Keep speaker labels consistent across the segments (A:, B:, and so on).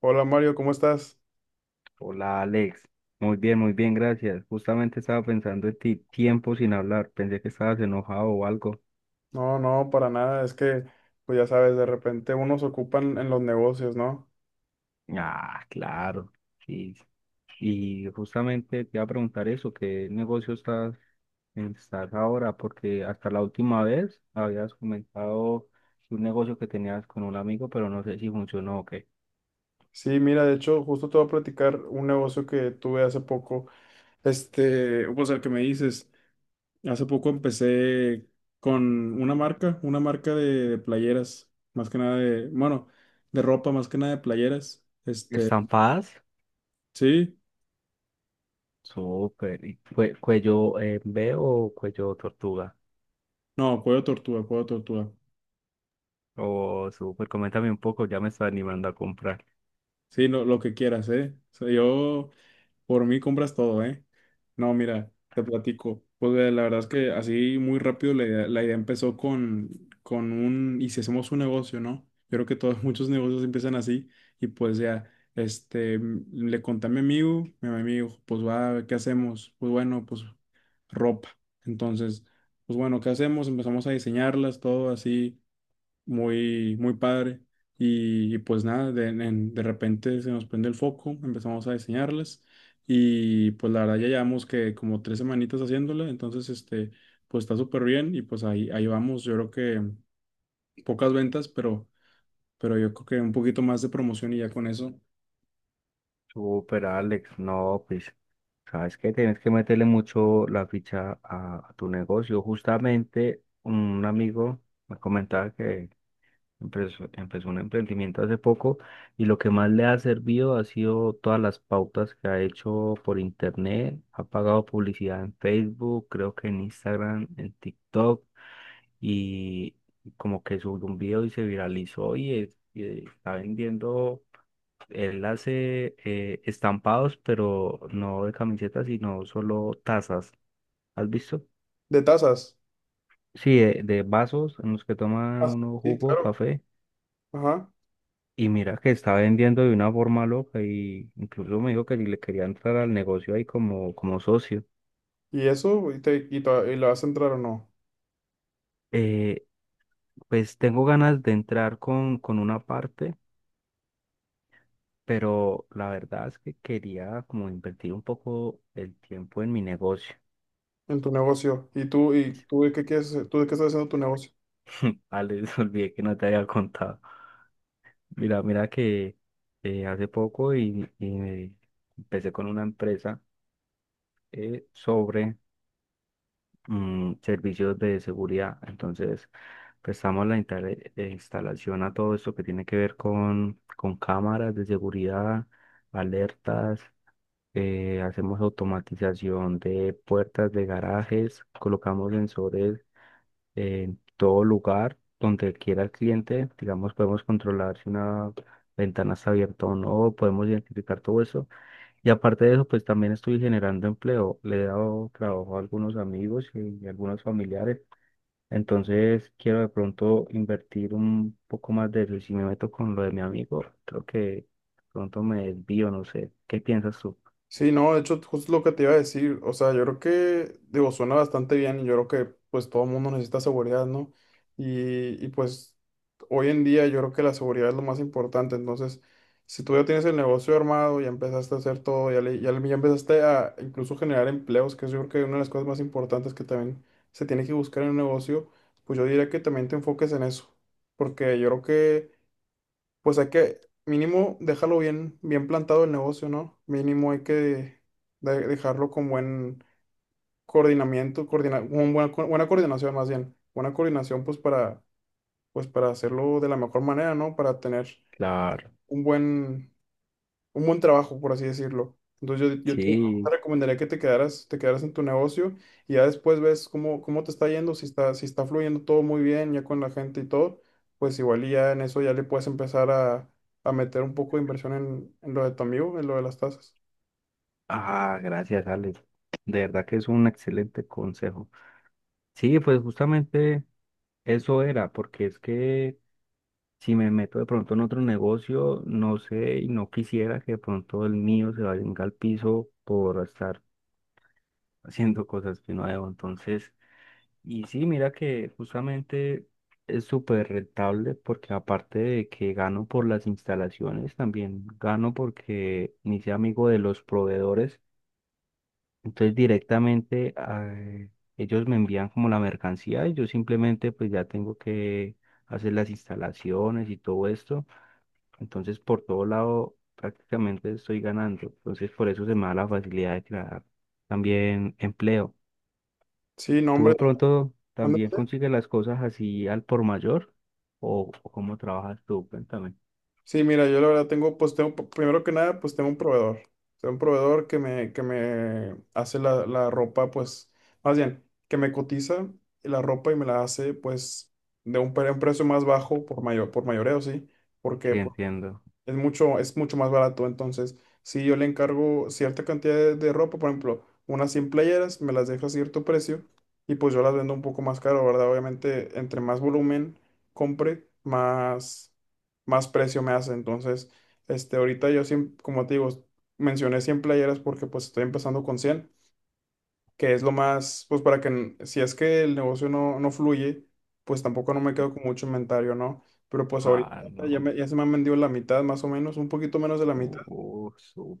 A: Hola Mario, ¿cómo estás?
B: Hola Alex, muy bien, gracias. Justamente estaba pensando en ti, tiempo sin hablar, pensé que estabas enojado o algo.
A: No, no, para nada, es que, pues ya sabes, de repente unos ocupan en los negocios, ¿no?
B: Ah, claro, sí. Y justamente te iba a preguntar eso, ¿qué negocio estás, estás ahora? Porque hasta la última vez habías comentado un negocio que tenías con un amigo, pero no sé si funcionó o qué.
A: Sí, mira, de hecho, justo te voy a platicar un negocio que tuve hace poco, pues el que me dices, hace poco empecé con una marca de playeras, más que nada de, bueno, de ropa, más que nada de playeras,
B: ¿Estampadas?
A: sí,
B: Súper. ¿Y cuello B o cuello tortuga?
A: no, cuello tortuga,
B: Oh, súper, coméntame un poco, ya me está animando a comprar.
A: sí, lo que quieras, ¿eh? O sea, yo... Por mí compras todo, ¿eh? No, mira, te platico. Pues la verdad es que así muy rápido la idea empezó con un, y si hacemos un negocio, ¿no? Yo creo que todos, muchos negocios empiezan así y pues ya, le conté a mi amigo, pues va, ¿qué hacemos? Pues bueno, pues ropa. Entonces, pues bueno, ¿qué hacemos? Empezamos a diseñarlas, todo así, muy, muy padre. Y pues nada, de repente se nos prende el foco, empezamos a diseñarlas y pues la verdad ya llevamos que como tres semanitas haciéndola, entonces pues está súper bien y pues ahí, ahí vamos, yo creo que pocas ventas, pero yo creo que un poquito más de promoción y ya con eso.
B: Súper, Alex. No, pues, sabes que tienes que meterle mucho la ficha a tu negocio. Justamente un amigo me comentaba que empezó un emprendimiento hace poco y lo que más le ha servido ha sido todas las pautas que ha hecho por internet. Ha pagado publicidad en Facebook, creo que en Instagram, en TikTok y como que subió un video y se viralizó y y está vendiendo. Él hace estampados, pero no de camisetas, sino solo tazas. ¿Has visto?
A: De tazas.
B: Sí, de vasos en los que toma
A: Ah,
B: uno
A: sí,
B: jugo,
A: claro.
B: café.
A: Ajá.
B: Y mira que está vendiendo de una forma loca y incluso me dijo que si le quería entrar al negocio ahí como, como socio.
A: ¿Y eso? ¿ y lo vas a entrar o no?
B: Eh, pues tengo ganas de entrar con una parte, pero la verdad es que quería como invertir un poco el tiempo en mi negocio.
A: En tu negocio. Y tú de qué quieres, tú de qué estás haciendo tu negocio?
B: Ah, olvidé que no te había contado. Mira, mira que hace poco y me empecé con una empresa sobre servicios de seguridad. Entonces, prestamos la instalación a todo esto que tiene que ver con cámaras de seguridad, alertas, hacemos automatización de puertas de garajes, colocamos sensores en todo lugar donde quiera el cliente. Digamos, podemos controlar si una ventana está abierta o no, podemos identificar todo eso. Y aparte de eso, pues también estoy generando empleo. Le he dado trabajo a algunos amigos y algunos familiares. Entonces, quiero de pronto invertir un poco más de eso. Y si me meto con lo de mi amigo, creo que de pronto me desvío, no sé. ¿Qué piensas tú?
A: Sí, no, de hecho, justo lo que te iba a decir, o sea, yo creo que, digo, suena bastante bien y yo creo que, pues, todo el mundo necesita seguridad, ¿no? Pues, hoy en día yo creo que la seguridad es lo más importante, entonces, si tú ya tienes el negocio armado, ya empezaste a hacer todo, ya empezaste a incluso generar empleos, que es yo creo que una de las cosas más importantes que también se tiene que buscar en un negocio, pues yo diría que también te enfoques en eso, porque yo creo que pues hay que mínimo dejarlo bien, bien plantado el negocio, ¿no? Mínimo hay que dejarlo con buen coordinamiento, con buena, buena coordinación más bien, buena coordinación pues para, pues para hacerlo de la mejor manera, ¿no? Para tener
B: Claro,
A: un buen, un buen trabajo, por así decirlo. Entonces yo te, te
B: sí.
A: recomendaría que te quedaras en tu negocio y ya después ves cómo, cómo te está yendo, si está, si está fluyendo todo muy bien ya con la gente y todo, pues igual y ya en eso ya le puedes empezar a meter un poco de inversión en lo de tu amigo, en lo de las tasas.
B: Ah, gracias, Alex. De verdad que es un excelente consejo. Sí, pues justamente eso era, porque es que si me meto de pronto en otro negocio, no sé y no quisiera que de pronto el mío se vaya al piso por estar haciendo cosas que no debo. Entonces, y sí, mira que justamente es súper rentable porque aparte de que gano por las instalaciones, también gano porque me hice amigo de los proveedores. Entonces directamente, ellos me envían como la mercancía y yo simplemente pues ya tengo que hacer las instalaciones y todo esto. Entonces por todo lado prácticamente estoy ganando. Entonces por eso se me da la facilidad de crear también empleo.
A: Sí, no,
B: ¿Tú de pronto también
A: hombre,
B: consigues las cosas así al por mayor? O cómo trabajas tú? Cuéntame.
A: sí, mira, yo la verdad tengo, pues tengo, primero que nada, pues tengo un proveedor. Tengo un proveedor que me hace la ropa, pues, más bien, que me cotiza la ropa y me la hace, pues, de un precio más bajo por mayor, por mayoreo, sí. Porque,
B: Sí,
A: pues,
B: entiendo.
A: es mucho más barato. Entonces, si yo le encargo cierta cantidad de ropa, por ejemplo, unas 100 playeras, me las deja a cierto precio y pues yo las vendo un poco más caro, ¿verdad? Obviamente, entre más volumen compre, más, más precio me hace. Entonces, ahorita yo, como te digo, mencioné 100 playeras porque pues estoy empezando con 100 que es lo más, pues para que, si es que el negocio no, no fluye, pues tampoco no me quedo con mucho inventario, ¿no? Pero pues ahorita
B: Ah,
A: ya,
B: no.
A: ya se me han vendido la mitad, más o menos, un poquito menos de la mitad,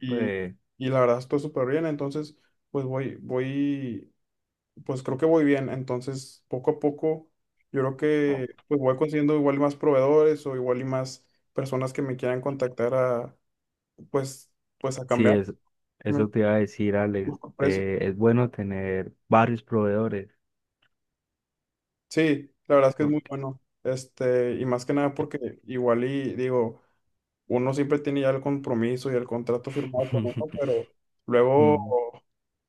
A: y, y la verdad estoy súper bien, entonces, pues voy, voy, pues creo que voy bien, entonces poco a poco, yo creo que pues voy consiguiendo igual y más proveedores o igual y más personas que me quieran contactar a, pues, pues a
B: Sí,
A: cambiar mi
B: eso te iba a decir,
A: mi
B: Alex.
A: precio.
B: Es bueno tener varios proveedores
A: Sí, la verdad es que es muy
B: porque
A: bueno. Este, y más que nada porque igual y digo, uno siempre tiene ya el compromiso y el contrato firmado con uno, pero luego,
B: Mm.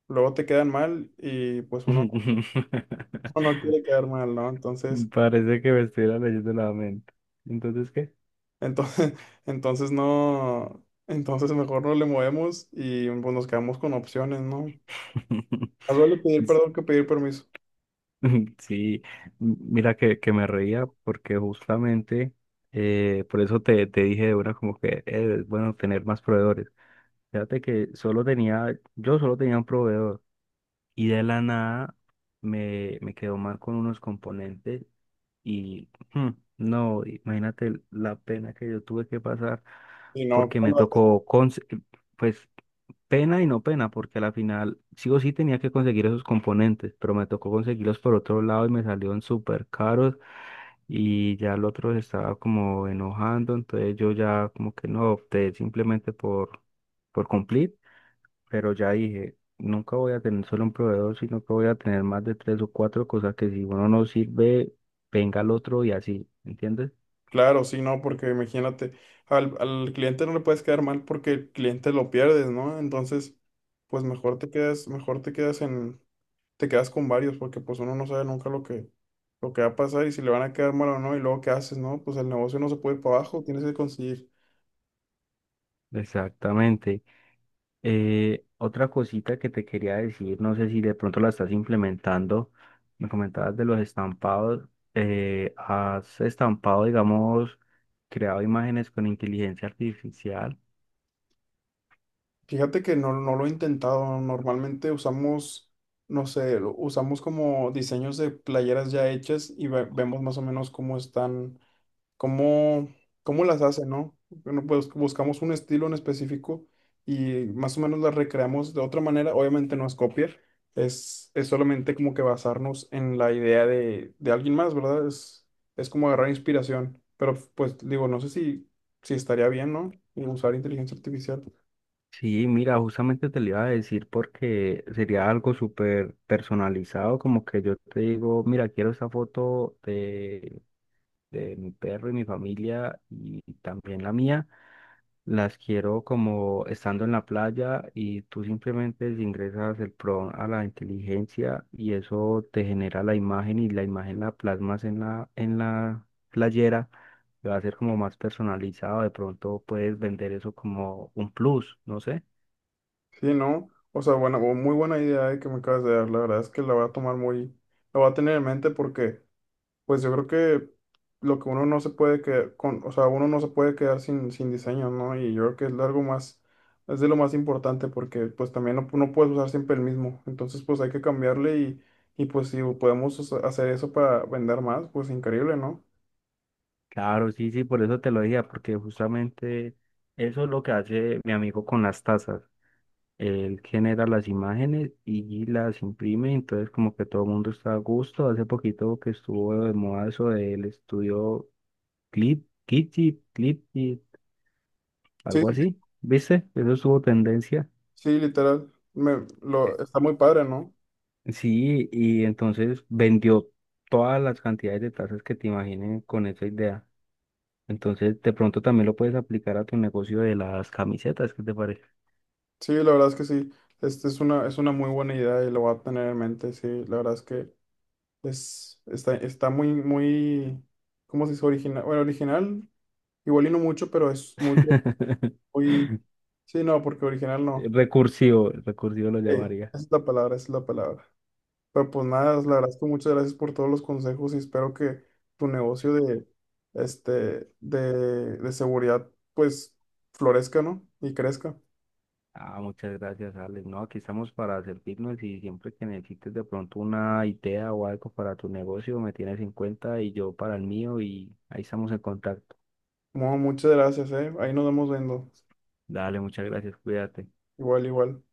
A: luego te quedan mal y pues uno, uno no quiere quedar mal, ¿no? Entonces,
B: parece que me estuviera leyendo la mente. Entonces, ¿qué?
A: entonces, entonces no, entonces mejor no le movemos y pues, nos quedamos con opciones, ¿no? Más vale pedir perdón que pedir permiso.
B: Sí, mira que me reía porque justamente por eso te dije de una como que es bueno tener más proveedores. Fíjate que solo tenía, yo solo tenía un proveedor. Y de la nada me quedó mal con unos componentes y no, imagínate la pena que yo tuve que pasar
A: Y no,
B: porque me tocó, pues pena y no pena, porque a la final sí o sí tenía que conseguir esos componentes, pero me tocó conseguirlos por otro lado y me salieron súper caros y ya el otro se estaba como enojando, entonces yo ya como que no opté simplemente por cumplir, pero ya dije, nunca voy a tener solo un proveedor, sino que voy a tener más de tres o cuatro cosas que si uno no sirve, venga el otro y así, ¿entiendes?
A: claro, sí, no, porque imagínate, al cliente no le puedes quedar mal porque el cliente lo pierdes, ¿no? Entonces, pues mejor te quedas en, te quedas con varios, porque pues uno no sabe nunca lo que, lo que va a pasar y si le van a quedar mal o no, y luego qué haces, ¿no? Pues el negocio no se puede ir para abajo, tienes que conseguir.
B: Exactamente. Otra cosita que te quería decir, no sé si de pronto la estás implementando, me comentabas de los estampados, has estampado, digamos, creado imágenes con inteligencia artificial.
A: Fíjate que no, no lo he intentado, normalmente usamos, no sé, usamos como diseños de playeras ya hechas y vemos más o menos cómo están cómo, cómo las hace, ¿no? Bueno, pues buscamos un estilo en específico y más o menos las recreamos de otra manera. Obviamente no es copiar, es solamente como que basarnos en la idea de alguien más, ¿verdad? Es como agarrar inspiración, pero pues digo, no sé si, si estaría bien, ¿no? Y usar inteligencia artificial.
B: Sí, mira, justamente te lo iba a decir porque sería algo súper personalizado, como que yo te digo, mira, quiero esa foto de mi perro y mi familia y también la mía, las quiero como estando en la playa y tú simplemente ingresas el prompt a la inteligencia y eso te genera la imagen y la imagen la plasmas en la playera. Va a ser como más personalizado, de pronto puedes vender eso como un plus, no sé.
A: Sí, ¿no? O sea, bueno, muy buena idea que me acabas de dar. La verdad es que la voy a tomar muy, la voy a tener en mente porque, pues yo creo que lo que uno no se puede quedar con, o sea, uno no se puede quedar sin, sin diseño, ¿no? Y yo creo que es algo más, es de lo más importante porque, pues también no, no puedes usar siempre el mismo. Entonces, pues hay que cambiarle y pues si podemos hacer eso para vender más, pues increíble, ¿no?
B: Claro, sí, sí, por eso te lo decía, porque justamente eso es lo que hace mi amigo con las tazas. Él genera las imágenes y las imprime, entonces como que todo el mundo está a gusto. Hace poquito que estuvo de moda eso del estudio Clip, Kitty, Clip, kit,
A: Sí,
B: algo
A: sí,
B: así, ¿viste? Eso estuvo tendencia.
A: sí, literal. Me, lo, está muy padre, ¿no?
B: Sí, y entonces vendió todas las cantidades de tazas que te imaginen con esa idea. Entonces, de pronto también lo puedes aplicar a tu negocio de las camisetas, ¿qué te parece?
A: Sí, la verdad es que sí. Este es una muy buena idea y lo voy a tener en mente. Sí, la verdad es que es, está, está muy, muy, ¿cómo se dice? Original. Bueno, original, igual y no mucho, pero es muy, muy, sí, no, porque original no.
B: Recursivo, recursivo lo
A: Sí, esa
B: llamaría.
A: es la palabra, esa es la palabra. Pero pues nada, la verdad es que muchas gracias por todos los consejos y espero que tu negocio de, de seguridad, pues, florezca, ¿no? Y crezca.
B: Ah, muchas gracias, Alex. No, aquí estamos para servirnos y siempre que necesites de pronto una idea o algo para tu negocio, me tienes en cuenta y yo para el mío y ahí estamos en contacto.
A: Bueno, muchas gracias, ¿eh? Ahí nos vamos viendo.
B: Dale, muchas gracias, cuídate.
A: Igual, igual.